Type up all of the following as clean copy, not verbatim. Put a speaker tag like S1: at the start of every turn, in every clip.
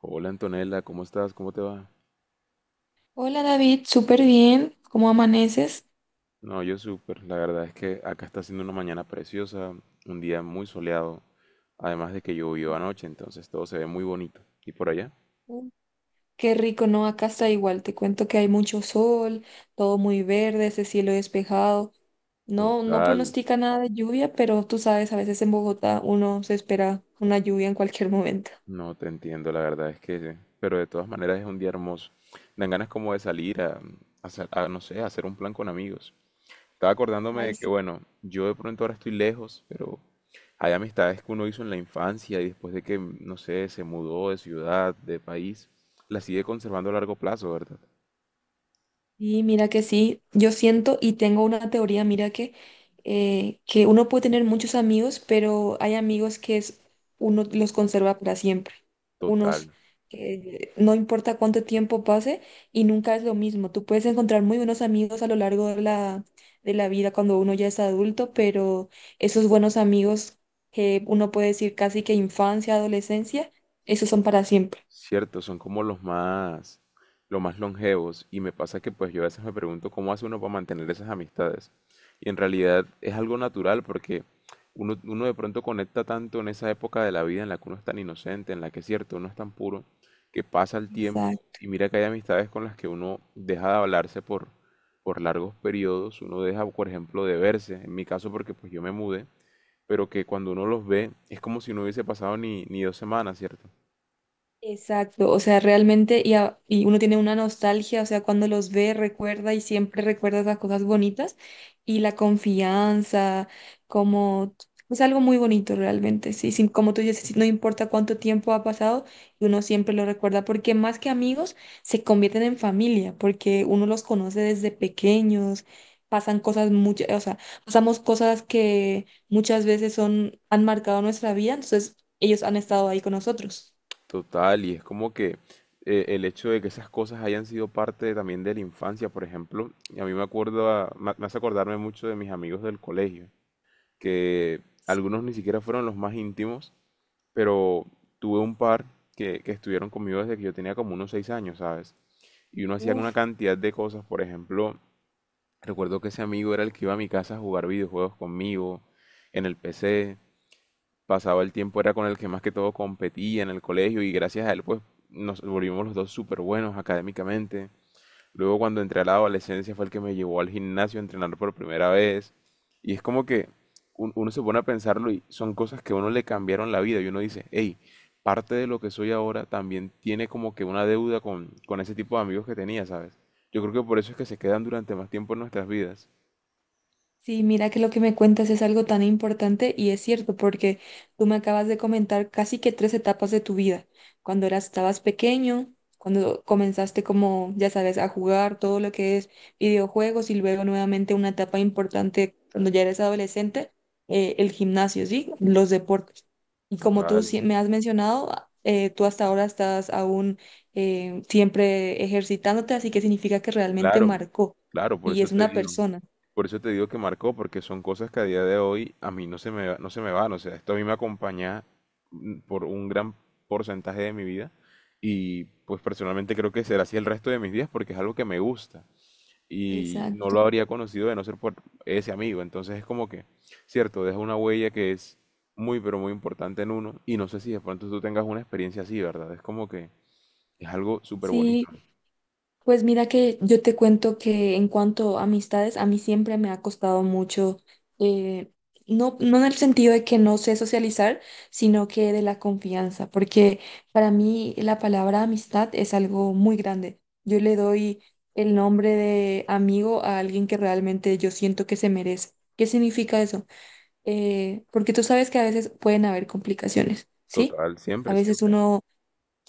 S1: Hola Antonella, ¿cómo estás? ¿Cómo te va?
S2: Hola David, súper bien. ¿Cómo amaneces?
S1: No, yo súper. La verdad es que acá está siendo una mañana preciosa, un día muy soleado, además de que llovió anoche, entonces todo se ve muy bonito. ¿Y por allá?
S2: Ujú. Qué rico, ¿no? Acá está igual. Te cuento que hay mucho sol, todo muy verde, ese cielo despejado. No, no
S1: Total.
S2: pronostica nada de lluvia, pero tú sabes, a veces en Bogotá uno se espera una lluvia en cualquier momento.
S1: No te entiendo, la verdad es que, pero de todas maneras es un día hermoso. Dan ganas como de salir a, no sé, a hacer un plan con amigos. Estaba acordándome
S2: Ay
S1: de que,
S2: sí.
S1: bueno, yo de pronto ahora estoy lejos, pero hay amistades que uno hizo en la infancia y después de que, no sé, se mudó de ciudad, de país, las sigue conservando a largo plazo, ¿verdad?
S2: Y mira que sí, yo siento y tengo una teoría, mira que uno puede tener muchos amigos, pero hay amigos que es, uno los conserva para siempre. Unos
S1: Total.
S2: que no importa cuánto tiempo pase y nunca es lo mismo. Tú puedes encontrar muy buenos amigos a lo largo de la vida cuando uno ya es adulto, pero esos buenos amigos que uno puede decir casi que infancia, adolescencia, esos son para siempre.
S1: Cierto, son como los más longevos, y me pasa que pues yo a veces me pregunto cómo hace uno para mantener esas amistades. Y en realidad es algo natural porque uno de pronto conecta tanto en esa época de la vida en la que uno es tan inocente, en la que es cierto, uno es tan puro, que pasa el tiempo
S2: Exacto.
S1: y mira que hay amistades con las que uno deja de hablarse por largos periodos, uno deja, por ejemplo, de verse, en mi caso porque pues yo me mudé, pero que cuando uno los ve es como si no hubiese pasado ni, ni dos semanas, ¿cierto?
S2: Exacto, o sea, realmente, y uno tiene una nostalgia, o sea, cuando los ve, recuerda y siempre recuerda esas cosas bonitas y la confianza, como, es algo muy bonito realmente, sí, sí, como tú dices, sí, no importa cuánto tiempo ha pasado, uno siempre lo recuerda, porque más que amigos, se convierten en familia, porque uno los conoce desde pequeños, pasan cosas muchas, o sea, pasamos cosas que muchas veces son, han marcado nuestra vida, entonces ellos han estado ahí con nosotros.
S1: Total, y es como que el hecho de que esas cosas hayan sido parte también de la infancia, por ejemplo, y a mí me acuerdo, me hace acordarme mucho de mis amigos del colegio, que algunos ni siquiera fueron los más íntimos, pero tuve un par que estuvieron conmigo desde que yo tenía como unos seis años, ¿sabes? Y uno hacía una
S2: Uf.
S1: cantidad de cosas, por ejemplo, recuerdo que ese amigo era el que iba a mi casa a jugar videojuegos conmigo en el PC, pasaba el tiempo era con el que más que todo competía en el colegio, y gracias a él pues nos volvimos los dos súper buenos académicamente. Luego cuando entré a la adolescencia fue el que me llevó al gimnasio a entrenar por primera vez. Y es como que uno se pone a pensarlo y son cosas que a uno le cambiaron la vida, y uno dice, hey, parte de lo que soy ahora también tiene como que una deuda con ese tipo de amigos que tenía, ¿sabes? Yo creo que por eso es que se quedan durante más tiempo en nuestras vidas.
S2: Sí, mira que lo que me cuentas es algo tan importante y es cierto, porque tú me acabas de comentar casi que tres etapas de tu vida. Cuando eras, estabas pequeño, cuando comenzaste como, ya sabes, a jugar todo lo que es videojuegos y luego nuevamente una etapa importante cuando ya eres adolescente, el gimnasio, ¿sí? Los deportes. Y como tú
S1: Total.
S2: sí me has mencionado, ah, tú hasta ahora estás aún siempre ejercitándote, así que significa que realmente
S1: Claro,
S2: marcó
S1: claro, por
S2: y
S1: eso
S2: es
S1: te
S2: una
S1: digo,
S2: persona.
S1: por eso te digo que marcó, porque son cosas que a día de hoy a mí no se me, no se me van, o sea, esto a mí me acompaña por un gran porcentaje de mi vida, y pues personalmente creo que será así el resto de mis días porque es algo que me gusta y no
S2: Exacto.
S1: lo habría conocido de no ser por ese amigo, entonces es como que, cierto, deja una huella que es muy pero muy importante en uno, y no sé si de pronto tú tengas una experiencia así, ¿verdad? Es como que es algo súper bonito,
S2: Sí, pues mira que yo te cuento que en cuanto a amistades, a mí siempre me ha costado mucho, eh, no, no en el sentido de que no sé socializar, sino que de la confianza, porque para mí la palabra amistad es algo muy grande. Yo le doy el nombre de amigo a alguien que realmente yo siento que se merece. ¿Qué significa eso? Porque tú sabes que a veces pueden haber complicaciones, ¿sí?
S1: total,
S2: A
S1: siempre,
S2: veces
S1: siempre.
S2: uno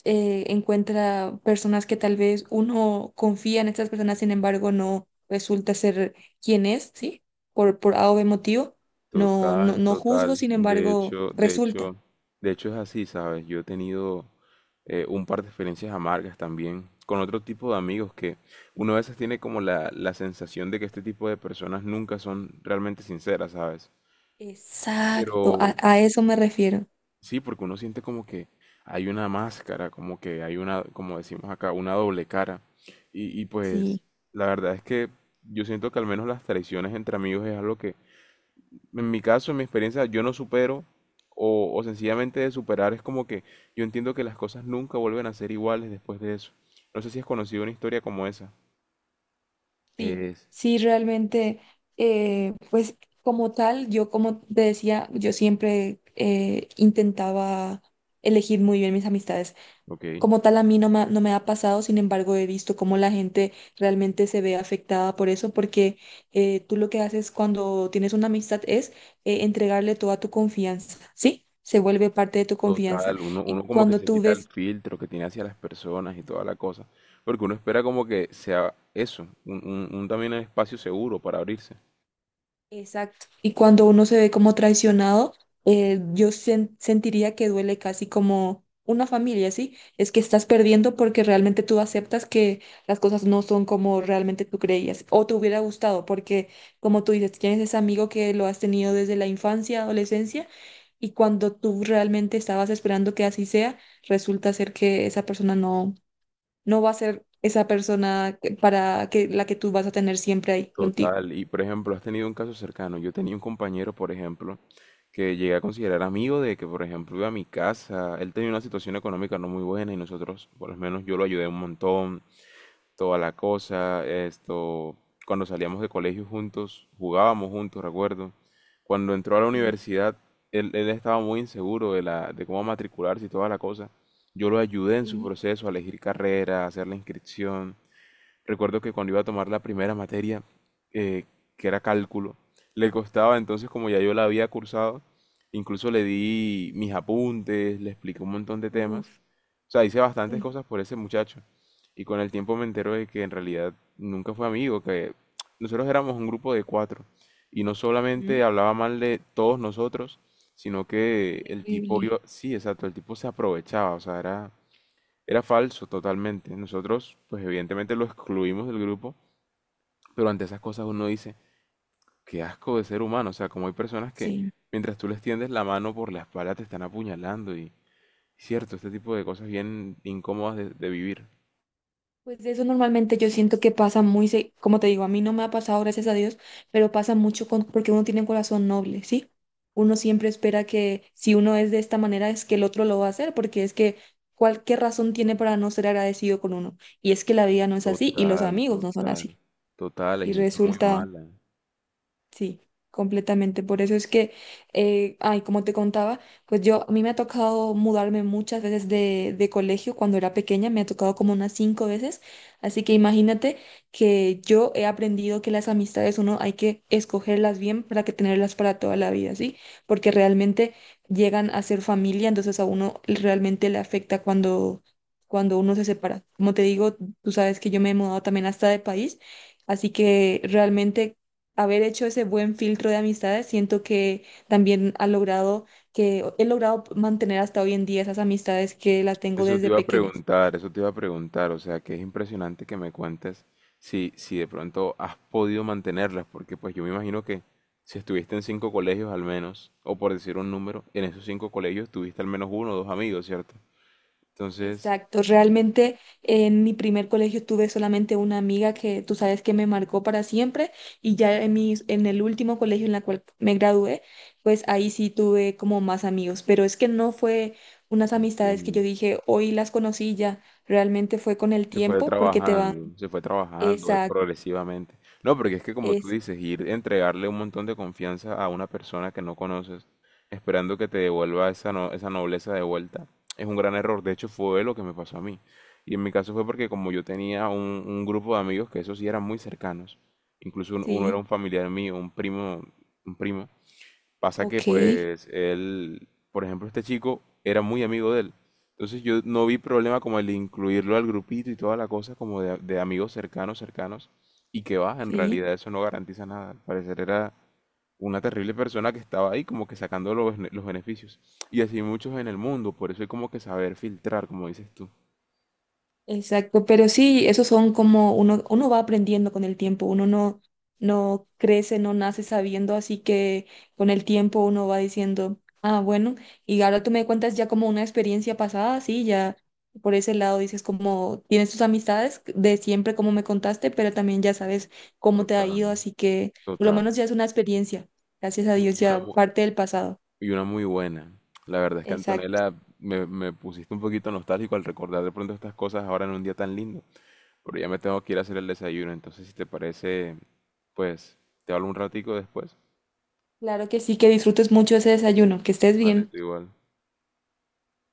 S2: encuentra personas que tal vez uno confía en estas personas, sin embargo, no resulta ser quien es, ¿sí? Por A o B motivo. No, no,
S1: Total,
S2: no juzgo,
S1: total.
S2: sin
S1: De
S2: embargo,
S1: hecho, de
S2: resulta.
S1: hecho, de hecho es así, ¿sabes? Yo he tenido un par de experiencias amargas también con otro tipo de amigos que uno a veces tiene como la sensación de que este tipo de personas nunca son realmente sinceras, ¿sabes?
S2: Exacto, a,
S1: Pero
S2: a eso me refiero.
S1: sí, porque uno siente como que hay una máscara, como que hay una, como decimos acá, una doble cara. Y pues
S2: Sí,
S1: la verdad es que yo siento que al menos las traiciones entre amigos es algo que en mi caso, en mi experiencia, yo no supero o sencillamente de superar, es como que yo entiendo que las cosas nunca vuelven a ser iguales después de eso. No sé si has conocido una historia como esa.
S2: sí,
S1: Es,
S2: sí, realmente, pues como tal, yo como te decía, yo siempre intentaba elegir muy bien mis amistades.
S1: ok,
S2: Como tal, a mí no me, ha- no me ha pasado, sin embargo, he visto cómo la gente realmente se ve afectada por eso, porque tú lo que haces cuando tienes una amistad es entregarle toda tu confianza, ¿sí? Se vuelve parte de tu confianza.
S1: total, uno,
S2: Y
S1: uno como que
S2: cuando
S1: se
S2: tú
S1: quita el
S2: ves.
S1: filtro que tiene hacia las personas y toda la cosa, porque uno espera como que sea eso, un también espacio seguro para abrirse.
S2: Exacto. Y cuando uno se ve como traicionado, sentiría que duele casi como una familia, ¿sí? Es que estás perdiendo porque realmente tú aceptas que las cosas no son como realmente tú creías o te hubiera gustado, porque como tú dices, tienes ese amigo que lo has tenido desde la infancia, adolescencia, y cuando tú realmente estabas esperando que así sea, resulta ser que esa persona no, no va a ser esa persona que- para que la que tú vas a tener siempre ahí contigo.
S1: Total, y por ejemplo, has tenido un caso cercano. Yo tenía un compañero, por ejemplo, que llegué a considerar amigo, de que, por ejemplo, iba a mi casa. Él tenía una situación económica no muy buena y nosotros, por lo menos yo lo ayudé un montón, toda la cosa, esto, cuando salíamos de colegio juntos, jugábamos juntos, recuerdo. Cuando entró a la
S2: Sí,
S1: universidad, él estaba muy inseguro de la, de cómo matricularse y toda la cosa. Yo lo ayudé en su
S2: sí.
S1: proceso a elegir carrera, a hacer la inscripción. Recuerdo que cuando iba a tomar la primera materia, eh, que era cálculo, le costaba, entonces como ya yo la había cursado, incluso le di mis apuntes, le expliqué un montón de temas.
S2: Uf.
S1: O sea, hice bastantes
S2: Sí.
S1: cosas por ese muchacho. Y con el tiempo me entero de que en realidad nunca fue amigo, que nosotros éramos un grupo de cuatro. Y no
S2: ¿Mm?
S1: solamente hablaba mal de todos nosotros, sino que el tipo
S2: Terrible.
S1: iba, sí, exacto, el tipo se aprovechaba, o sea, era falso totalmente. Nosotros, pues evidentemente lo excluimos del grupo, pero ante esas cosas uno dice, qué asco de ser humano. O sea, como hay personas que
S2: Sí.
S1: mientras tú les tiendes la mano por la espalda te están apuñalando, y cierto, este tipo de cosas bien incómodas de vivir.
S2: Pues de eso normalmente yo siento que como te digo, a mí no me ha pasado, gracias a Dios, pero pasa mucho con, porque uno tiene un corazón noble, ¿sí? Uno siempre espera que si uno es de esta manera es que el otro lo va a hacer, porque es que cualquier razón tiene para no ser agradecido con uno. Y es que la vida no es así y los
S1: Total,
S2: amigos no son así.
S1: total, total, hay
S2: Y
S1: gente muy
S2: resulta.
S1: mala.
S2: Sí, completamente. Por eso es que, ay, como te contaba, pues yo, a mí me ha tocado mudarme muchas veces de colegio cuando era pequeña, me ha tocado como unas 5 veces. Así que imagínate que yo he aprendido que las amistades uno hay que escogerlas bien para que tenerlas para toda la vida, ¿sí? Porque realmente llegan a ser familia, entonces a uno realmente le afecta cuando, cuando uno se separa. Como te digo, tú sabes que yo me he mudado también hasta de país. Así que realmente haber hecho ese buen filtro de amistades, siento que también ha logrado que he logrado mantener hasta hoy en día esas amistades que las tengo
S1: Eso te
S2: desde
S1: iba a
S2: pequeñas.
S1: preguntar, eso te iba a preguntar, o sea, que es impresionante que me cuentes si, si de pronto has podido mantenerlas, porque pues yo me imagino que si estuviste en cinco colegios al menos, o por decir un número, en esos cinco colegios tuviste al menos uno o dos amigos, ¿cierto? Entonces,
S2: Exacto, realmente en mi primer colegio tuve solamente una amiga que tú sabes que me marcó para siempre y ya en mis, en el último colegio en la cual me gradué, pues ahí sí tuve como más amigos, pero es que no fue unas amistades que yo
S1: entiendo.
S2: dije, hoy las conocí ya, realmente fue con el tiempo porque te van,
S1: Se fue trabajando
S2: exacto,
S1: progresivamente. No, porque es que como tú
S2: es,
S1: dices, ir entregarle un montón de confianza a una persona que no conoces, esperando que te devuelva esa, no- esa nobleza de vuelta, es un gran error. De hecho, fue lo que me pasó a mí. Y en mi caso fue porque como yo tenía un grupo de amigos que esos sí eran muy cercanos, incluso uno era
S2: sí.
S1: un familiar mío, un primo, un primo. Pasa que
S2: Ok,
S1: pues él, por ejemplo, este chico era muy amigo de él. Entonces yo no vi problema como el de incluirlo al grupito y toda la cosa como de amigos cercanos, cercanos. Y que va, en
S2: sí,
S1: realidad eso no garantiza nada. Al parecer era una terrible persona que estaba ahí como que sacando los, los beneficios. Y así muchos en el mundo, por eso hay como que saber filtrar, como dices tú.
S2: exacto. Pero sí, esos son como uno, uno va aprendiendo con el tiempo, uno no, no crece, no nace sabiendo, así que con el tiempo uno va diciendo, ah, bueno, y ahora tú me cuentas ya como una experiencia pasada, sí, ya por ese lado dices como tienes tus amistades de siempre como me contaste, pero también ya sabes cómo te ha
S1: Total.
S2: ido, así que por lo
S1: Total.
S2: menos ya es una experiencia. Gracias a Dios,
S1: Y una,
S2: ya
S1: mu-
S2: parte del pasado.
S1: Y una muy buena. La verdad es que
S2: Exacto.
S1: Antonella, me pusiste un poquito nostálgico al recordar de pronto estas cosas ahora en un día tan lindo. Pero ya me tengo que ir a hacer el desayuno. Entonces, si te parece, pues te hablo un ratico después.
S2: Claro que sí, que disfrutes mucho ese desayuno, que estés
S1: Vale,
S2: bien.
S1: tú igual.